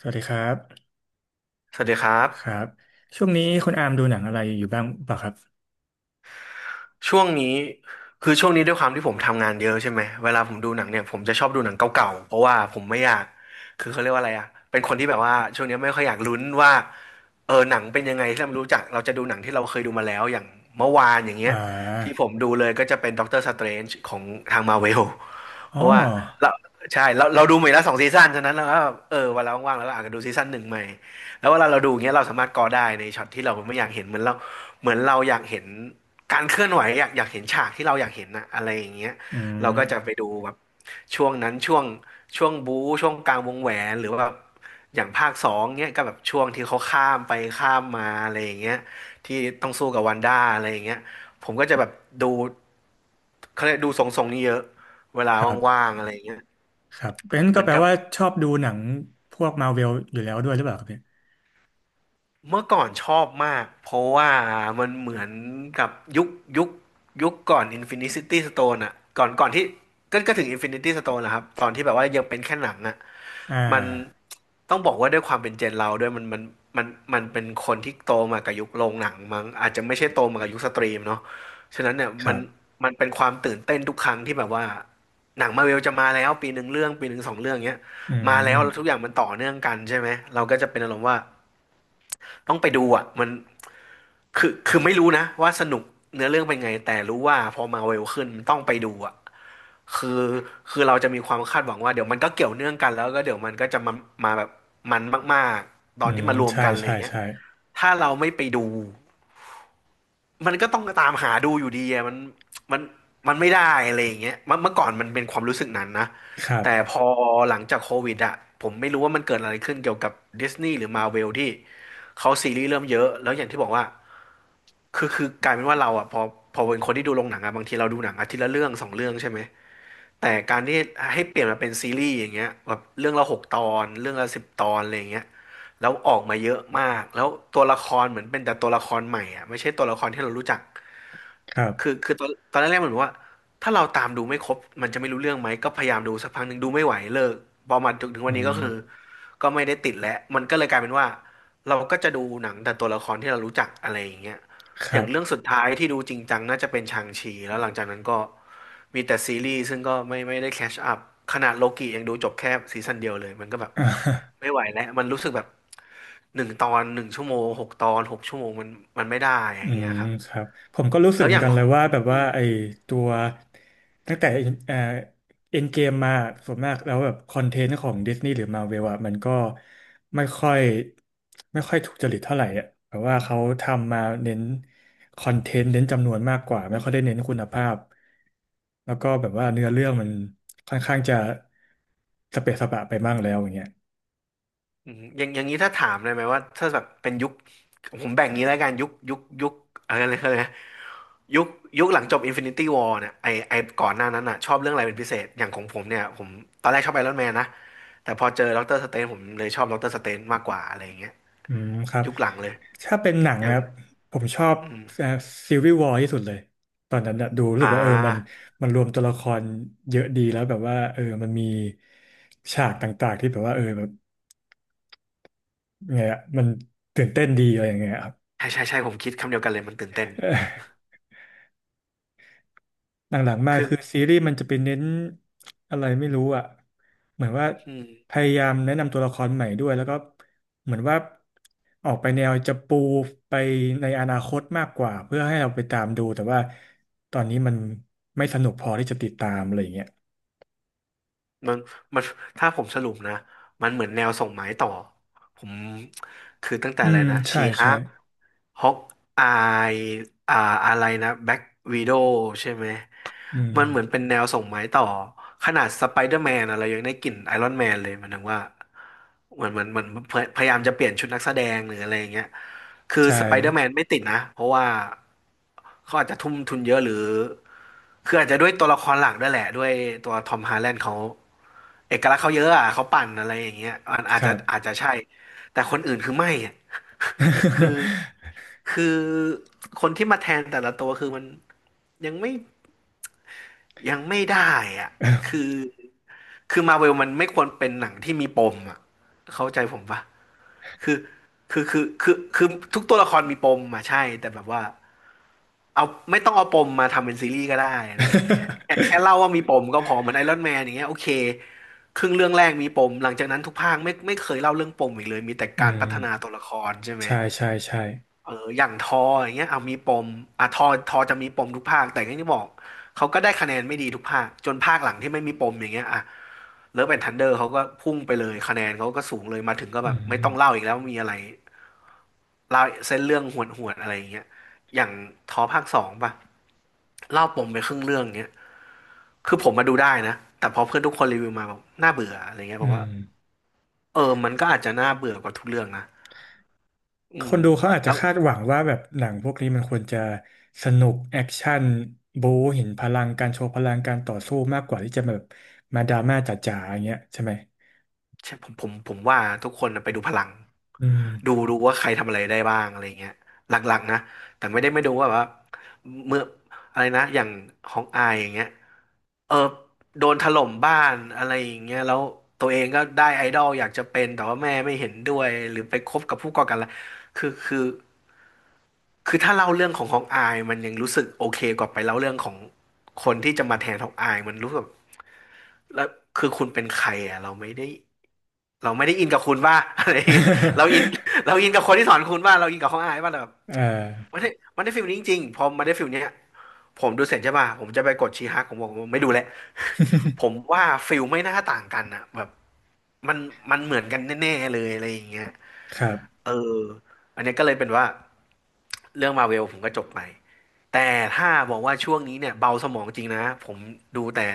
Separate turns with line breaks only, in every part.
สวัสดีครับ
สวัสดีครับ
ครับช่วงนี้คุณอามดูหนังอะไรอยู่บ้างเปล่าครับ
ช่วงนี้คือช่วงนี้ด้วยความที่ผมทำงานเยอะใช่ไหมเวลาผมดูหนังเนี่ยผมจะชอบดูหนังเก่าๆเพราะว่าผมไม่อยากคือเขาเรียกว่าอะไรอะเป็นคนที่แบบว่าช่วงนี้ไม่ค่อยอยากลุ้นว่าหนังเป็นยังไงที่เราไม่รู้จักเราจะดูหนังที่เราเคยดูมาแล้วอย่างเมื่อวานอย่างเงี้ย
อ่า
ที่ผมดูเลยก็จะเป็นด็อกเตอร์สเตรนจ์ของทางมาเวล
อ๋
เพ
อ
ราะว่าเราเราดูมาแล้ว2 ซีซั่นฉะนั้นเราก็เวันเราว่างๆแล้วเราอาจจะดูซีซั่นหนึ่งใหม่แล้วเวลาเราดูอย่างเงี้ยเราสามารถกอได้ในช็อตที่เราไม่อยากเห็นเหมือนเราอยากเห็นการเคลื่อนไหวอยากเห็นฉากที่เราอยากเห็นนะอะไรอย่างเงี้ย
อื
เราก็จะไป
ม
ดูแบบช่วงนั้นช่วงบู๊ช่วงกลางวงแหวนหรือว่าแบบอย่างภาคสองเงี้ยก็แบบช่วงที่เขาข้ามไปข้ามมาอะไรอย่างเงี้ยที่ต้องสู้กับวันด้าอะไรอย่างเงี้ยผมก็จะแบบดู เขาเลยกดูทรงๆนี้เยอะเวลา
ครับ
ว่างๆอะไรเงี้ย
ครับเป็น
เห
ก็
มือน
แปล
กับ
ว่าชอบดูหนังพวกมาร v เวลอยู่แล้วด้วยหรือเปล่าครับเนี่ย
เมื่อก่อนชอบมากเพราะว่ามันเหมือนกับยุคยุคยุคก่อน Infinity Stone อะก่อนที่ก็ถึง Infinity Stone นะครับตอนที่แบบว่ายังเป็นแค่หนังอะ
อ่
มัน
า
ต้องบอกว่าด้วยความเป็นเจนเราด้วยมันมันเป็นคนที่โตมากับยุคโรงหนังมั้งอาจจะไม่ใช่โตมากับยุคสตรีมเนาะฉะนั้นเนี่ย
ค
มัน
รับ
มันเป็นความตื่นเต้นทุกครั้งที่แบบว่าหนังมาเวลจะมาแล้วปีหนึ่งเรื่องปีหนึ่งสองเรื่องเงี้ย
อื
มาแล้วแล้วทุกอ
ม
ย่างมันต่อเนื่องกันใช่ไหมเราก็จะเป็นอารมณ์ว่าต้องไปดูอ่ะมันคือไม่รู้นะว่าสนุกเนื้อเรื่องเป็นไงแต่รู้ว่าพอมาเวลขึ้นมันต้องไปดูอ่ะ คือคือเราจะมีความคาดหวังว่าเดี๋ยวมันก็เกี่ยวเนื่องกันแล้วก็เดี๋ยวมันก็จะมาแบบมันมากๆตอ
อื
นที่
ม
มารวม
ใช่
กันอะไรอ
ใช่
ย่างเงี้ย
ใช่
ถ้าเราไม่ไปดูมันก็ต้องตามหาดูอยู่ดีอะมันมันไม่ได้อะไรอย่างเงี้ยเมื่อก่อนมันเป็นความรู้สึกนั้นนะ
ครั
แต่พ
บ
อหลังจากโควิดอะผมไม่รู้ว่ามันเกิดอะไรขึ้นเกี่ยวกับดิสนีย์หรือมาเวลที่เขาซีรีส์เริ่มเยอะแล้วอย่างที่บอกว่าคือกลายเป็นว่าเราอะพอเป็นคนที่ดูโรงหนังอะบางทีเราดูหนังอาทิตย์ละเรื่องสองเรื่องใช่ไหม แต่การที่ให้เปลี่ยนมาเป็นซีรีส์อย่างเงี้ยแบบเรื่องละหกตอนเรื่องละ10 ตอนอะไรอย่างเงี้ยแล้วออกมาเยอะมากแล้วตัวละครเหมือนเป็นแต่ตัวละครใหม่อ่ะไม่ใช่ตัวละครที่เรารู้จัก
ครั
คือ
บ
คือตอนแรกๆเหมือนว่าถ้าเราตามดูไม่ครบมันจะไม่รู้เรื่องไหมก็พยายามดูสักพักหนึ่งดูไม่ไหวเลิกพอมาถึงวัน
อื
นี้ก็
ม
คือก็ไม่ได้ติดแล้วมันก็เลยกลายเป็นว่าเราก็จะดูหนังแต่ตัวละครที่เรารู้จักอะไรอย่างเงี้ย
ค
อ
รั
ย่างเรื่อง
บ
สุดท้ายที่ดูจริงจังน่าจะเป็นชางชีแล้วหลังจากนั้นก็มีแต่ซีรีส์ซึ่งก็ไม่ได้แคชอัพขนาดโลกิยังดูจบแค่ซีซั่นเดียวเลยมันก็แบบ
อ่า
ไม่ไหวแล้วมันรู้สึกแบบหนึ่งตอนหนึ่งชั่วโมงหกตอน6 ชั่วโมงมันไม่ได้อ
อื
ย่างเงี้ย
ม
ครับ
ครับผมก็รู้สึก
แล้ว
เห
อ
มือน
ย่าง
กัน
ข
เล
อ
ย
ง
ว่าแบบว่าไอ้ตัวตั้งแต่เอ่อเอ็นเกมมาส่วนมากแล้วแบบคอนเทนต์ของดิสนีย์หรือมาเวลอะมันก็ไม่ค่อยไม่ค่อยถูกจริตเท่าไหร่อ่ะแบบว่าเขาทำมาเน้นคอนเทนต์เน้นจำนวนมากกว่าไม่ค่อยได้เน้นคุณภาพแล้วก็แบบว่าเนื้อเรื่องมันค่อนข้างจะสเปะสปะไปบ้างแล้วอย่างเงี้ย
อย่างนี้ถ้าถามเลยไหมว่าถ้าแบบเป็นยุคผมแบ่งงี้แล้วกันยุคยุคยุคอะไรนะอะไรนะยุคยุคหลังจบ Infinity War เนี่ยไอไอก่อนหน้านั้นอ่ะชอบเรื่องอะไรเป็นพิเศษอย่างของผมเนี่ยผมตอนแรกชอบไอรอนแมนนะแต่พอเจอด็อกเตอร์สเตนผมเลยชอบด็อกเตอร์สเตนมากกว่าอะไรอย่างเงี้ย
อืมครับ
ยุคหลังเลย
ถ้าเป็นหนัง
อย่า
นะ
ง
ครับผมชอบ
อืม
ซีรีส์วอร์ที่สุดเลยตอนนั้นน่ะดูรู้
อ่
สึกว่าเออมัน
า
มันรวมตัวละครเยอะดีแล้วแบบว่าเออมันมีฉากต่างๆที่แบบว่าเออแบบไงอะมันตื่นเต้นดีอะไรอย่างเงี้ยครับ
ใช่ใช่ใช่ผมคิดคำเดียวกันเลยมันตื่นเต้น
หลังๆมา
คือ
คือซีรีส์มันจะไปเน้นอะไรไม่รู้อ่ะเหมือนว่า
อื
พ
ม
ยายามแนะนำตัวละครใหม่ด้วยแล้วก็เหมือนว่าออกไปแนวจะปูไปในอนาคตมากกว่าเพื่อให้เราไปตามดูแต่ว่าตอนนี้มันไม่สนุกพอที่จะติดตามอะไรอย่างเงี้ย
มันมันถ้าผมสรุปนะมันเหมือนแนวส่งไม้ต่อผมคือตั้งแต่
อื
อะไร
ม
นะ
ใช่
ชีฮั
ใช่
ฮอกอายอ่าอะไรนะแบ็กวีโดใช่ไหม
อืม
มันเหมือนเป็นแนวส่งไม้ต่อขนาดสไปเดอร์แมนอะเรายังได้กลิ่นไอรอนแมนเลยหมันถึงว่าเหมือนพยายามจะเปลี่ยนชุดนักแสดงหรืออะไรอย่างเงี้ยคือ
ใช่
สไปเดอร์แมนไม่ติดนะเพราะว่าเขาอาจจะทุ่มทุนเยอะหรือคืออาจจะด้วยตัวละครหลักด้วยแหละด้วยตัวทอมฮาร์แลนด์เขาเอกลักษณ์เขาเยอะอ่ะเขาปั่นอะไรอย่างเงี้ยอันอา
ค
จจะ
รับ
อาจจะใช่แต่คนอื่นคือไม่อะ คือคือคนที่มาแทนแต่ละตัวคือมันยังไม่ยังไม่ได้อ่ะคือคือมาเวลมันไม่ควรเป็นหนังที่มีปมอ่ะเข้าใจผมปะคือคือทุกตัวละครมีปมอ่ะใช่แต่แบบว่าเอาไม่ต้องเอาปมมาทำเป็นซีรีส์ก็ได้อะไรอย่างเงี้ยแค่เล่าว่ามีปมก็พอเหมือนไอรอนแมนอย่างเงี้ยโอเคครึ่งเรื่องแรกมีปมหลังจากนั้นทุกภาคไม่เคยเล่าเรื่องปมอีกเลยมีแต่
อื
การพัฒนา
ม
ตัวละครใช่ไหม
ใช่ใช่ใช่
เอออย่างทออย่างเงี้ยเอามีปมอ่ะทอจะมีปมทุกภาคแต่อย่างที่บอกเขาก็ได้คะแนนไม่ดีทุกภาคจนภาคหลังที่ไม่มีปมอย่างเงี้ยอ่ะเลิฟแอนทันเดอร์เขาก็พุ่งไปเลยคะแนนเขาก็สูงเลยมาถึงก็
อื
แบบไม่ต้องเล่า
ม
อีกแล้วมีอะไรเล่าเส้นเรื่องหวดๆอะไรอย่างเงี้ยอย่างทอภาคสองป่ะเล่าปมไปครึ่งเรื่องเงี้ยคือผมมาดูได้นะแต่พอเพื่อนทุกคนรีวิวมาบอกน่าเบื่ออะไรเงี้ย
อื
ผม
ม
ว่าเออมันก็อาจจะน่าเบื่อกว่าทุกเรื่องนะอื
ค
ม
นดูเขาอาจ
แล้
จะ
ว
คาดหวังว่าแบบหนังพวกนี้มันควรจะสนุกแอคชั่นบู๊เห็นพลังการโชว์พลังการต่อสู้มากกว่าที่จะแบบมาดราม่าจ๋าๆอย่างเงี้ยใช่ไหม
ใช่ผมว่าทุกคนน่ะไปดูพลัง
อืม
ดูว่าใครทำอะไรได้บ้างอะไรเงี้ยหลักๆนะแต่ไม่ได้ไม่ดูว่าแบบว่าเมื่ออะไรนะอย่างของอายอย่างเงี้ยเออโดนถล่มบ้านอะไรอย่างเงี้ยแล้วตัวเองก็ได้ไอดอลอยากจะเป็นแต่ว่าแม่ไม่เห็นด้วยหรือไปคบกับผู้ก่อการร้ายคือคือถ้าเล่าเรื่องของของอายมันยังรู้สึกโอเคกว่าไปเล่าเรื่องของคนที่จะมาแทนของอายมันรู้สึกแล้วคือคุณเป็นใครอ่ะเราไม่ได้เราไม่ได้อินกับคุณว่า อะไรอย่างเงี้ยเราอิน เราอินกับคนที่สอนคุณว่าเราอินกับของอายว่าแบบ
เอ่อ
มันได้มันได้ฟิลนี้จริงๆพอมันได้ฟิลเนี้ยผมดูเสร็จใช่ป่ะผมจะไปกดชีฮักผมบอกผมไม่ดูแล้ว ผมว่าฟิลไม่น่าต่างกันอะแบบมันมันเหมือนกันแน่ๆเลยอะไรอย่างเงี้ย
ครับ
เอออันเนี้ยก็เลยเป็นว่าเรื่องมาเวลผมก็จบไปแต่ถ้าบอกว่าช่วงนี้เนี่ยเบาสมองจริงนะผมดูแต่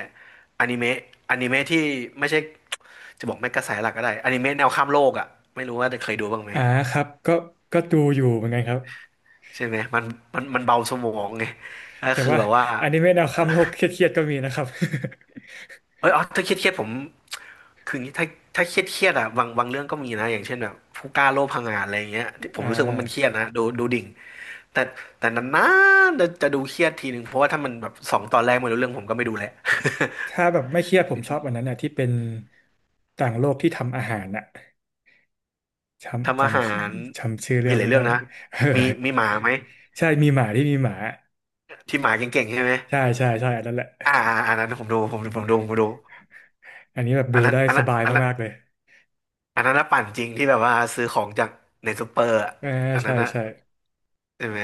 อนิเมะอนิเมะที่ไม่ใช่จะบอกไม่กระแสหลักก็ได้อนิเมะแนวข้ามโลกอะไม่รู้ว่าเคยดูบ้างไหม
อ่าครับก็ดูอยู่เหมือนกันครับ
ใช่ไหมมันเบาสมองไงก็
แต่
คือ
ว่า
แบบว่า
อันนี้ไม่แนวคำโลกเครียดๆก็มีนะครับ
เอยอ๋อถ้าเครียดผมคืออย่างงี้ถ้าเครียดอะบางเรื่องก็มีนะอย่างเช่นแบบผู้กล้าโลภพังงาดอะไรอย่างเงี้ยที่ ผม
อ่า
รู้สึกว่ามันเครียดนะดูดิ่งแต่แต่นๆจะดูเครียดทีหนึ่งเพราะว่าถ้ามันแบบสองตอนแรกไม่รู้เรื่องผมก็ไม่ดูแหละ
ถ้าแบบไม่เครียดผมชอบอันนั้นนะที่เป็นต่างโลกที่ทำอาหารน่ะ จำจ
ทำอาหาร
จำชื่อเรื่
มี
อง
หลาย
ไม่
เรื่อ
ได้
งนะมีหมาไหม
ใช่มีหมาที่มีหมา
ที่หมาเก่งๆใช่ไหม
ใช่ใช่ใช่อันนั้นแหละ
อันนั้นผมดู
อันนี้แบบ
อั
ดู
นนั้น
ได้
อัน
ส
นั้น
บาย
อันนั้น
มากๆเลย
อันนั้นน่ะปั่นจริงที่แบบว่าซื้อของจากในซูเปอร์อะ
อ่า
อัน
ใช่
นั้นนะ
ใช่
ใช่ไหม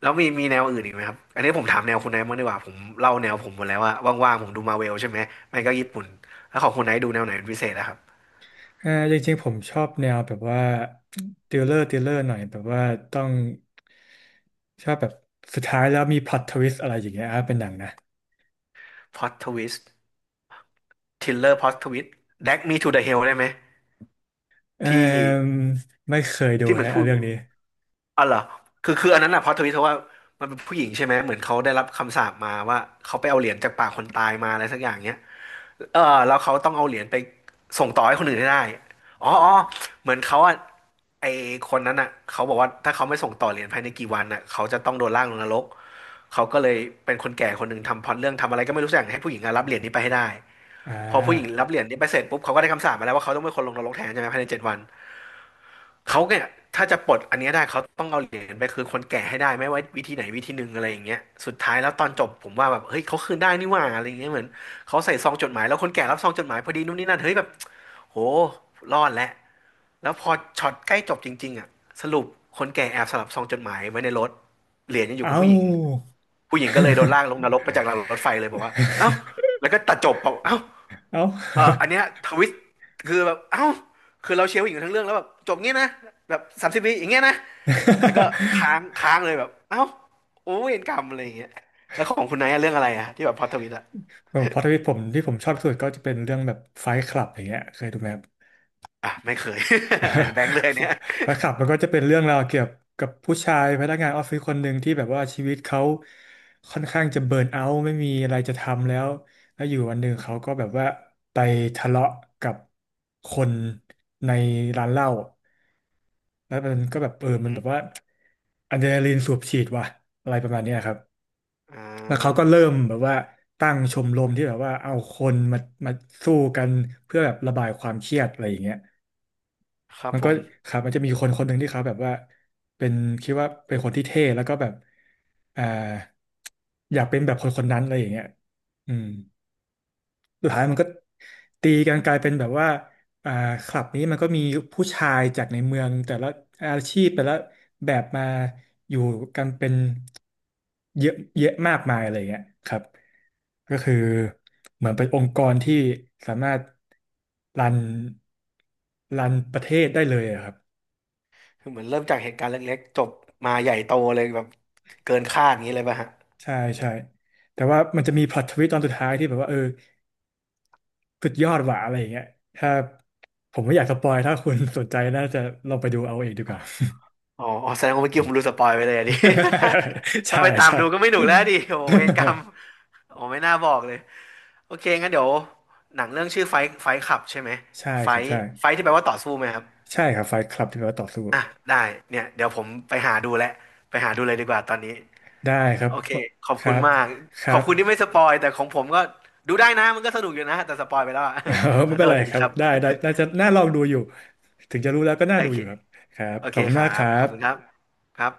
แล้วมีแนวอื่นอีกไหมครับ อันนี้ผมถามแนวคุณไนท์บ้างดีกว่าผมเล่าแนวผมหมดแล้วว่าว่างๆผมดูมาเวลใช่ไหม ไม่ก็ญี่ปุ่น แล้วของคุณไนท์ดูแนวไหนเป็นพิเศษนะครับ
อ่าจริงๆผมชอบแนวแบบว่าติลเลอร์หน่อยแบบว่าต้องชอบแบบสุดท้ายแล้วมีพล็อตทวิสอะไรอย่างเงี้ยอ่ะเป็นหนังนะ
พล็อตทวิสต์ทิลเลอร์พล็อตทวิสต์แดกมีทูเดอะเฮลได้ไหม
เอ
ที่
อไม่เคยดู
ที่เหมือน
ฮะอ่ะ
ผู้
เรื่องนี้
อ๋อเหรอคืออันนั้นอะพล็อตทวิสต์เพราะว่ามันเป็นผู้หญิงใช่ไหม เหมือนเขาได้รับคำสาปมาว่าเขาไปเอาเหรียญจากปากคนตายมาอะไรสักอย่างเนี้ย เออแล้วเขาต้องเอาเหรียญไปส่งต่อให้คนอื่นให้ได้อ๋ออ๋อเหมือนเขาอ่ะไอคนนั้นอ่ะเขาบอกว่าถ้าเขาไม่ส่งต่อเหรียญภายในกี่วันอ่ะเขาจะต้องโดนล่างลงนรกเขาก็เลยเป็นคนแก่คนหนึ่งทำพล็อตเรื่องทำอะไรก็ไม่รู้สักอย่างให้ผู้หญิงอะรับเหรียญนี้ไปให้ได้
อ่
พอผู้หญิง
า
รับเหรียญนี้ไปเสร็จปุ๊บเขาก็ได้คำสาปมาแล้วว่าเขาต้องเป็นคนลงนรกแทนใช่ไหมภายใน7 วัน เขาเนี่ยถ้าจะปลดอันเนี้ยได้เขาต้องเอาเหรียญไปคืนคนแก่ให้ได้ไม่ว่าวิธีไหนวิธีหนึ่งอะไรอย่างเงี้ยสุดท้ายแล้วตอนจบผมว่าแบบเฮ้ยเขาคืนได้นี่หว่าอะไรอย่างเงี้ยเหมือนเขาใส่ซองจดหมายแล้วคนแก่รับซองจดหมายพอดีนู่นนี่นั่นเฮ้ยแบบโหรอดแล้วแล้วพอช็อตใกล้จบจริงๆอ่ะสรุปคนแก่แอบสลับซองจดหมายไว้ในรถเหรียญยังอยู่กับ
เอ้า
ผู้หญิงผู้หญิงก็เลยโดนลากลงนรกไปจากรางรถไฟเลยบอกว่าเอ้า แล้วก็ตัดจบบอกเอ้า
เอ้า
เอออันเนี้ยทวิสต์คือแบบเอ้าคือเราเชียร์ผู้หญิงทั้งเรื่องแล้วแบบจบงี้นะแบบ30 วิอย่างเงี้ยนะ แล้วก็ค้าง ค้างเลยแบบเอ้าโอ้เวรกรรมอะไรอย่างเงี้ยแล้วของคุณไนท์อะเรื่องอะไรอะที่แบบพล็อตทวิสต์อะ
ผมพล็อตทวิสผมที่ผมชอบที่สุดก็จะเป็นเรื่องแบบไฟท์คลับอย่างเงี้ยเคยดูไหม
อ่ะไม่เคย แบงค์เลยเนี่ย
แฟนคลับมันก็จะเป็นเรื่องราวเกี่ยวกับผู้ชายพนักงานออฟฟิศคนหนึ่งที่แบบว่าชีวิตเขาค่อนข้างจะเบิร์นเอาท์ไม่มีอะไรจะทำแล้วแล้วอยู่วันหนึ่งเขาก็แบบว่าไปทะเลาะกับคนในร้านเหล้าแล้วมันก็แบบเออ
อือ
มัน
หื
แบ
อ
บว่าอะดรีนาลีนสูบฉีดว่ะอะไรประมาณเนี้ยครับ
อ่
แล้วเขาก็
า
เริ่มแบบว่าตั้งชมรมที่แบบว่าเอาคนมาสู้กันเพื่อแบบระบายความเครียดอะไรอย่างเงี้ย
ครับ
มัน
ผ
ก็
ม
ครับมันจะมีคนคนหนึ่งที่เขาแบบว่าเป็นคิดว่าเป็นคนที่เท่แล้วก็แบบอ่าอยากเป็นแบบคนคนนั้นอะไรอย่างเงี้ยอืมสุดท้ายมันก็ตีกันกลายเป็นแบบว่าอ่าคลับนี้มันก็มีผู้ชายจากในเมืองแต่ละอาชีพแต่ละแบบมาอยู่กันเป็นเยอะเยอะมากมายอะไรอย่างเงี้ยครับก็คือเหมือนเป็นองค์กรที่สามารถรันรันประเทศได้เลยอะครับ
คือเหมือนเริ่มจากเหตุการณ์เล็กๆจบมาใหญ่โตเลยแบบเกินคาดอย่างนี้เลยป่ะฮะ
ใช่ใช่แต่ว่ามันจะ
อ
มีพ
ม
ล็อตทวิตตอนสุดท้ายที่แบบว่าเออสุดยอดหวาอะไรอย่างเงี้ยถ้าผมไม่อยากสปอยถ้าคุณสนใจน่าจะลองไปดูเอาเองดีกว่า
อ๋ออ๋อแสดงว่าเมื่อกี้ผมดูสปอยไปเลยอะดิ ถ้า
ใช่
ไปตาม
ใช่
ดูก็ไม่หนุกแล้วดิโอ้เวรกรรม โอ้ไม่น่าบอกเลยโอเคงั้นเดี๋ยวหนังเรื่องชื่อไฟท์ไฟท์ับใช่ไหม
ใช่ครับ
ไฟ์
ใช่
ไฟ์ที่แปลว่าต่อสู้ไหมครับ
ใช่ครับไฟท์คลับที่แปลว่าต่อสู้
อ่ะได้เนี่ยเดี๋ยวผมไปหาดูแลไปหาดูเลยดีกว่าตอนนี้
ได้ครั
โอ
บ
เคขอบ
ค
คุ
รั
ณ
บ
มาก
ค
ข
รั
อบ
บ
คุณที่ไม่สปอยแต่ของผมก็ดูได้นะมันก็สนุกอยู่นะแต่สปอยไปแล้วอะ
เออ
ข
ไม่
อโท
เป็น
ษ
ไร
ที
ครั
ค
บ
รับ
ได้ได้น่าจะน่าลองดูอยู่ถึงจะรู้แล้วก็น่า
โอ
ดู
เค
อยู่ครับครับ
โอ
ขอ
เค
บคุณ
ครั
มากค
บ
รั
ขอบคุณครับ
บ
ครับ